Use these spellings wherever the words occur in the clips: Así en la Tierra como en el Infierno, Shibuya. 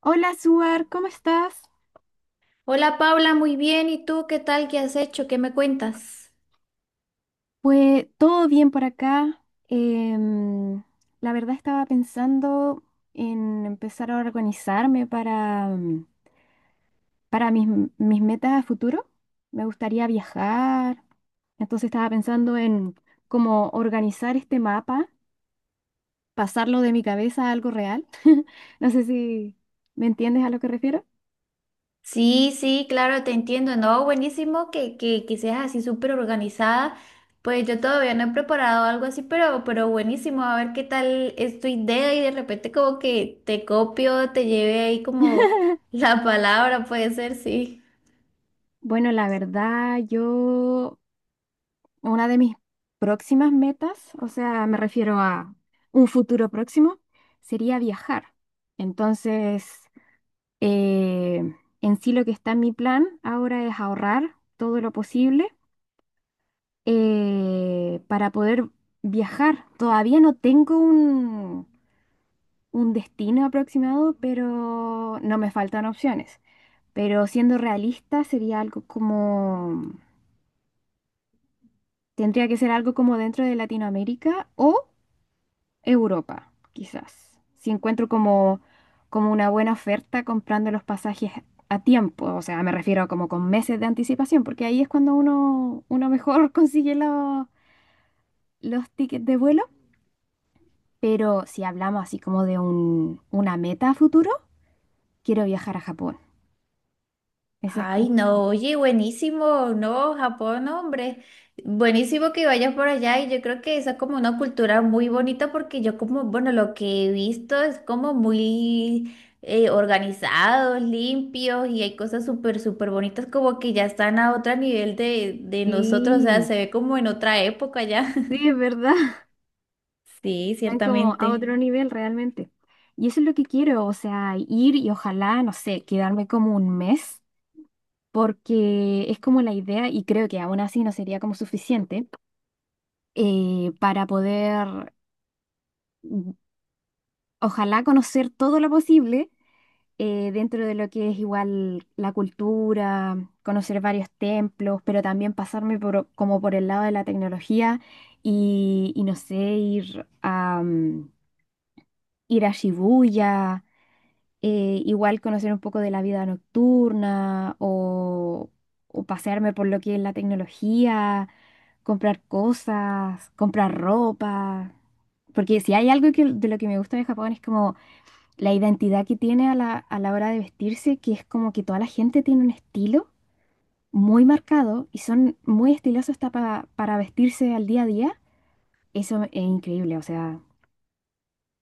Hola, Suar, ¿cómo estás? Hola Paula, muy bien. ¿Y tú qué tal? ¿Qué has hecho? ¿Qué me cuentas? Pues todo bien por acá. La verdad estaba pensando en empezar a organizarme para para mis mis metas a futuro. Me gustaría viajar. Entonces estaba pensando en cómo organizar este mapa, pasarlo de mi cabeza a algo real. No sé si me entiendes a lo que refiero. Sí, sí, claro, te entiendo. No, buenísimo que seas así súper organizada. Pues yo todavía no he preparado algo así, pero buenísimo. A ver qué tal es tu idea y de repente como que te copio, te lleve ahí como la palabra, puede ser, sí. Bueno, la verdad, yo una de mis próximas metas, o sea, me refiero a un futuro próximo, sería viajar. Entonces, eh, en sí lo que está en mi plan ahora es ahorrar todo lo posible, para poder viajar. Todavía no tengo un destino aproximado, pero no me faltan opciones. Pero siendo realista, sería algo como, tendría que ser algo como dentro de Latinoamérica o Europa, quizás. Si encuentro como una buena oferta comprando los pasajes a tiempo, o sea, me refiero como con meses de anticipación, porque ahí es cuando uno mejor consigue los tickets de vuelo. Pero si hablamos así como de una meta a futuro, quiero viajar a Japón. Esa es Ay, como... no, oye, buenísimo, no, Japón, no, hombre, buenísimo que vayas por allá, y yo creo que esa es como una cultura muy bonita porque yo como, bueno, lo que he visto es como muy organizados, limpios, y hay cosas súper, súper bonitas como que ya están a otro nivel de nosotros, o sea, Sí, se ve como en otra época ya. sí, es verdad. Sí, Están como a ciertamente. otro nivel realmente. Y eso es lo que quiero, o sea, ir y ojalá, no sé, quedarme como un mes, porque es como la idea, y creo que aún así no sería como suficiente, para poder, mm, ojalá, conocer todo lo posible, dentro de lo que es igual la cultura, conocer varios templos, pero también pasarme por, como por el lado de la tecnología y no sé, ir a Shibuya. Igual conocer un poco de la vida nocturna o pasearme por lo que es la tecnología, comprar cosas, comprar ropa. Porque si hay algo que, de lo que me gusta de Japón, es como la identidad que tiene a a la hora de vestirse, que es como que toda la gente tiene un estilo muy marcado y son muy estilosos hasta para vestirse al día a día. Eso es increíble, o sea,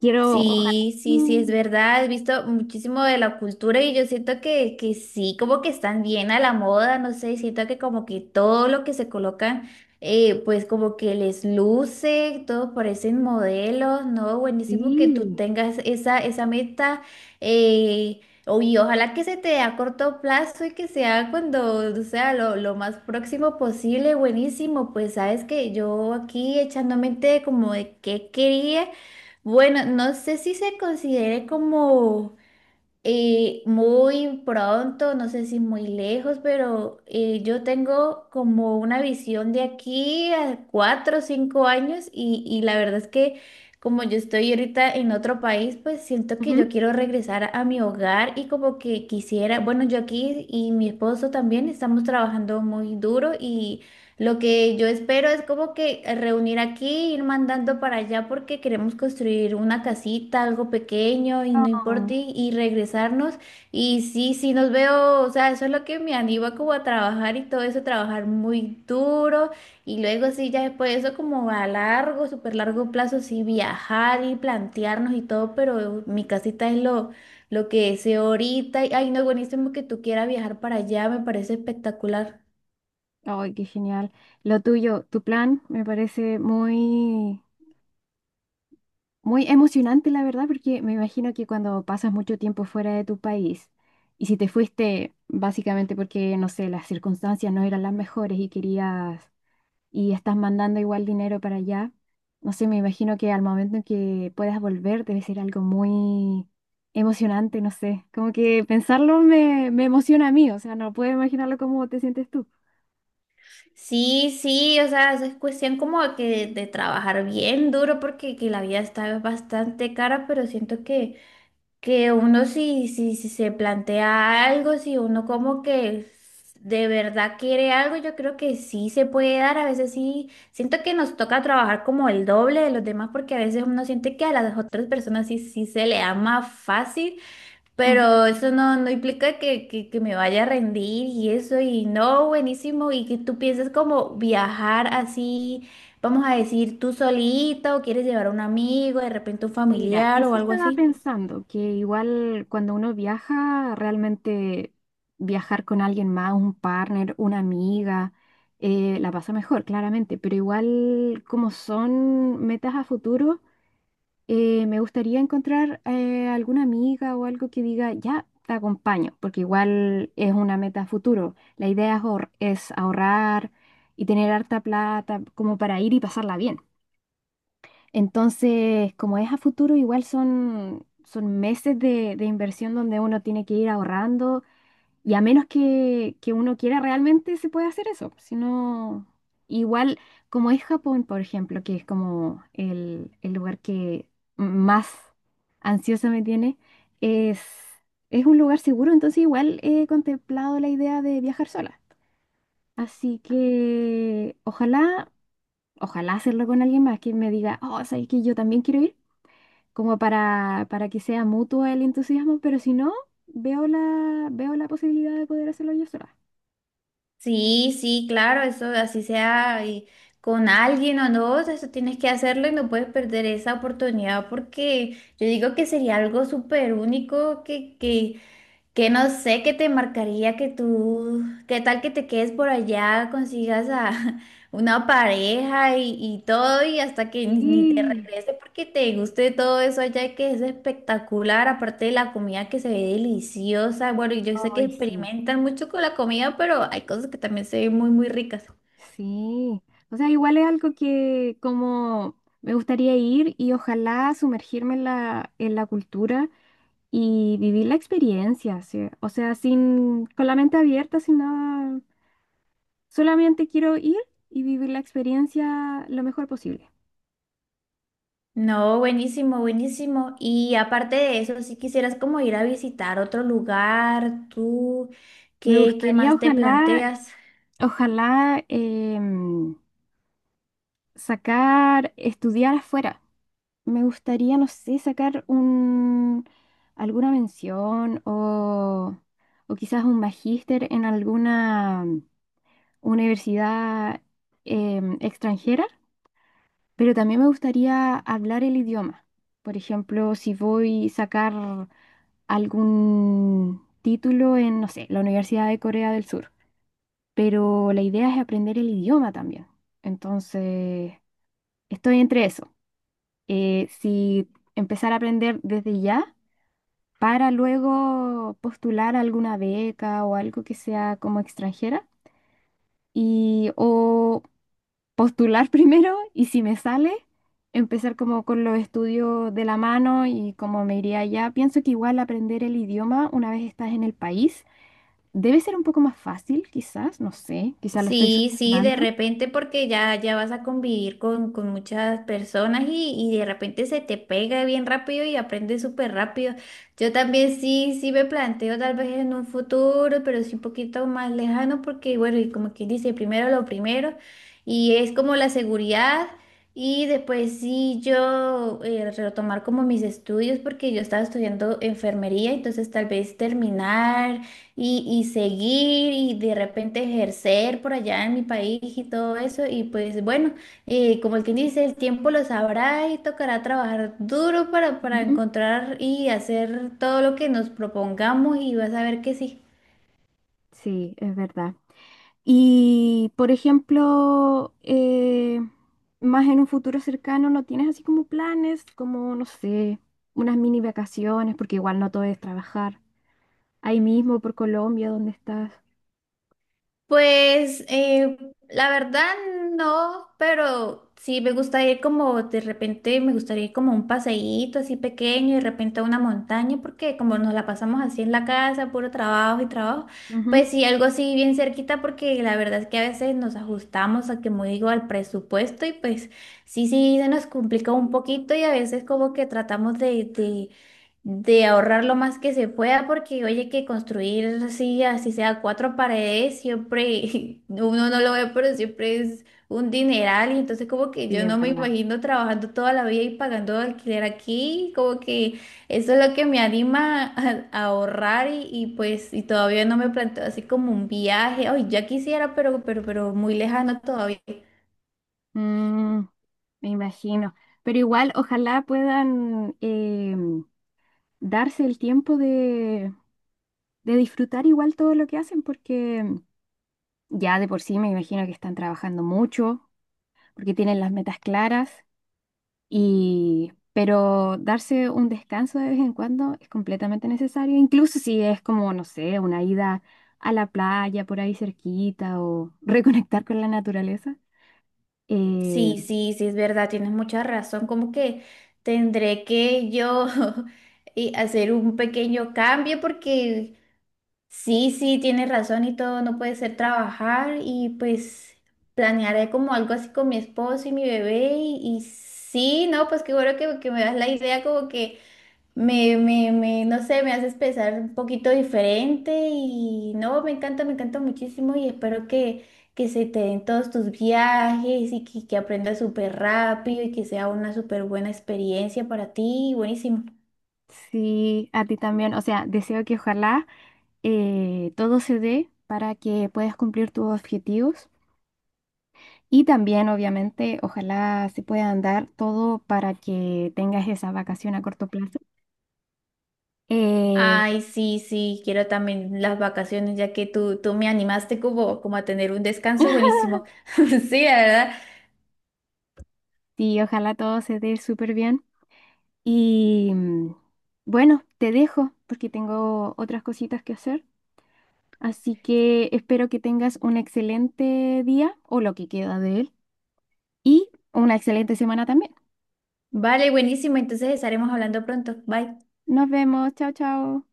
quiero... ojalá- Sí, sí, sí, es Mm. verdad. He visto muchísimo de la cultura y yo siento que sí, como que están bien a la moda, no sé, siento que como que todo lo que se colocan, pues como que les luce, todos parecen modelos, ¿no? Buenísimo que tú Sí. tengas esa, esa meta, eh, o- y ojalá que se te dé a corto plazo y que sea cuando, o sea, lo más próximo posible, buenísimo. Pues sabes que yo aquí echando mente como de qué quería. Bueno, no sé si se considere como muy pronto, no sé si muy lejos, pero yo tengo como una visión de aquí a cuatro o cinco años, y la verdad es que como yo estoy ahorita en otro país, pues siento que yo quiero regresar a mi hogar y como que quisiera, bueno, yo aquí y mi esposo también estamos trabajando muy duro, y lo que yo espero es como que reunir aquí, ir mandando para allá porque queremos construir una casita, algo pequeño y no importa, Ujú. Y regresarnos. Y sí, sí nos veo, o sea, eso es lo que me anima como a trabajar y todo eso, trabajar muy duro, y luego sí, ya después de eso como a largo, súper largo plazo, sí, viajar y plantearnos y todo, pero mi casita es lo que deseo ahorita. Y, ay, no, buenísimo que tú quieras viajar para allá, me parece espectacular. Ay, qué genial. Lo tuyo, tu plan, me parece muy, muy emocionante, la verdad, porque me imagino que cuando pasas mucho tiempo fuera de tu país, y si te fuiste básicamente porque, no sé, las circunstancias no eran las mejores y querías, y estás mandando igual dinero para allá, no sé, me imagino que al momento en que puedas volver debe ser algo muy emocionante, no sé. Como que pensarlo me emociona a mí, o sea, no puedo imaginarlo cómo te sientes tú. Sí, sí, o sea, es cuestión como que de trabajar bien duro porque que la vida está bastante cara, pero siento que uno si se plantea algo, si uno como que de verdad quiere algo, yo creo que sí se puede dar. A veces sí, siento que nos toca trabajar como el doble de los demás porque a veces uno siente que a las otras personas sí, sí se le da más fácil. Pero eso no, no implica que, que me vaya a rendir y eso, y no, buenísimo, y que tú pienses como viajar así, vamos a decir, tú solita, o quieres llevar a un amigo, de repente un Mira, familiar o eso algo estaba así. pensando, que igual cuando uno viaja, realmente viajar con alguien más, un partner, una amiga, la pasa mejor, claramente, pero igual como son metas a futuro, me gustaría encontrar alguna amiga o algo que diga, ya, te acompaño, porque igual es una meta a futuro. La idea es es ahorrar y tener harta plata como para ir y pasarla bien. Entonces, como es a futuro, igual son, son meses de inversión donde uno tiene que ir ahorrando y a menos que uno quiera realmente, se puede hacer eso. Si no, igual como es Japón, por ejemplo, que es como el lugar que más ansiosa me tiene, es, es un lugar seguro, entonces igual he contemplado la idea de viajar sola. Así que ojalá, ojalá hacerlo con alguien más que me diga, oh, ¿sabes que yo también quiero ir? Como para que sea mutuo el entusiasmo, pero si no, veo la posibilidad de poder hacerlo yo sola. Sí, sí, claro, eso así sea con alguien o no, eso tienes que hacerlo y no puedes perder esa oportunidad porque yo digo que sería algo súper único que no sé qué te marcaría que tú, qué tal que te quedes por allá, consigas a una pareja y todo, y hasta que ni te Y, regrese porque te guste todo eso allá que es espectacular, aparte de la comida que se ve deliciosa. Bueno, y yo sé que ay, sí. experimentan mucho con la comida, pero hay cosas que también se ven muy, muy ricas. Sí, o sea, igual es algo que como me gustaría ir y ojalá sumergirme en en la cultura y vivir la experiencia, sí. O sea, sin, con la mente abierta, sin nada, solamente quiero ir y vivir la experiencia lo mejor posible. No, buenísimo, buenísimo. Y aparte de eso, si quisieras como ir a visitar otro lugar, tú, Me ¿qué, qué gustaría, más te ojalá, planteas? ojalá, sacar, estudiar afuera. Me gustaría, no sé, sacar alguna mención o quizás un magíster en alguna universidad extranjera, pero también me gustaría hablar el idioma. Por ejemplo, si voy a sacar algún título en, no sé, la Universidad de Corea del Sur, pero la idea es aprender el idioma también. Entonces, estoy entre eso. Si empezar a aprender desde ya para luego postular a alguna beca o algo que sea como extranjera, y o postular primero, y si me sale empezar como con los estudios de la mano y como me iría allá. Pienso que igual aprender el idioma una vez estás en el país debe ser un poco más fácil, quizás, no sé, quizás lo estoy Sí, sí, de subestimando. repente porque ya, ya vas a convivir con muchas personas, y de repente se te pega bien rápido y aprendes súper rápido. Yo también sí, sí me planteo tal vez en un futuro, pero sí un poquito más lejano porque, bueno, y como quien dice, primero lo primero, y es como la seguridad, y después sí yo retomar como mis estudios porque yo estaba estudiando enfermería, entonces tal vez terminar, y seguir y de repente ejercer por allá en mi país y todo eso. Y pues bueno, como el que dice, el tiempo lo sabrá y tocará trabajar duro para Ujú. encontrar y hacer todo lo que nos propongamos, y vas a ver que sí. Sí, es verdad. Y, por ejemplo, más en un futuro cercano, ¿no tienes así como planes, como, no sé, unas mini vacaciones, porque igual no todo es trabajar, ahí mismo por Colombia, donde estás? Pues la verdad no, pero sí me gusta ir como de repente, me gustaría ir como a un paseíto así pequeño y de repente a una montaña, porque como nos la pasamos así en la casa, puro trabajo y trabajo, Ujú. pues sí, algo así bien cerquita, porque la verdad es que a veces nos ajustamos a, como digo, al presupuesto, y pues sí, sí, se nos complica un poquito, y a veces como que tratamos de, de ahorrar lo más que se pueda, porque oye, que construir así, así sea cuatro paredes, siempre uno no lo ve, pero siempre es un dineral. Y entonces como que Sí, yo es no me verdad. imagino trabajando toda la vida y pagando alquiler aquí, como que eso es lo que me anima a ahorrar, y pues y todavía no me planteo así como un viaje. Ay, ya quisiera, pero muy lejano todavía. Mm, me imagino. Pero igual, ojalá puedan darse el tiempo de disfrutar igual todo lo que hacen, porque ya de por sí me imagino que están trabajando mucho, porque tienen las metas claras. Y, pero darse un descanso de vez en cuando es completamente necesario, incluso si es como, no sé, una ida a la playa por ahí cerquita o reconectar con la naturaleza. Sí, Eh, sí, sí, es verdad, tienes mucha razón. Como que tendré que yo y hacer un pequeño cambio porque sí, sí, tienes razón y todo, no puede ser trabajar, y pues planearé como algo así con mi esposo y mi bebé, y sí, no, pues qué bueno que me das la idea como que me, no sé, me haces pensar un poquito diferente y no, me encanta muchísimo y espero que se te den todos tus viajes y que aprendas súper rápido y que sea una súper buena experiencia para ti, buenísimo. sí, a ti también, o sea, deseo que ojalá, todo se dé para que puedas cumplir tus objetivos y también, obviamente, ojalá se pueda dar todo para que tengas esa vacación a corto plazo. Eh, Ay, sí, sí, quiero también las vacaciones ya que tú me animaste como, como a tener un descanso, buenísimo. Sí, la verdad. sí, ojalá todo se dé súper bien. Y bueno, te dejo porque tengo otras cositas que hacer. Así que espero que tengas un excelente día o lo que queda de él y una excelente semana también. Vale, buenísimo, entonces estaremos hablando pronto. Bye. Nos vemos. Chao, chao.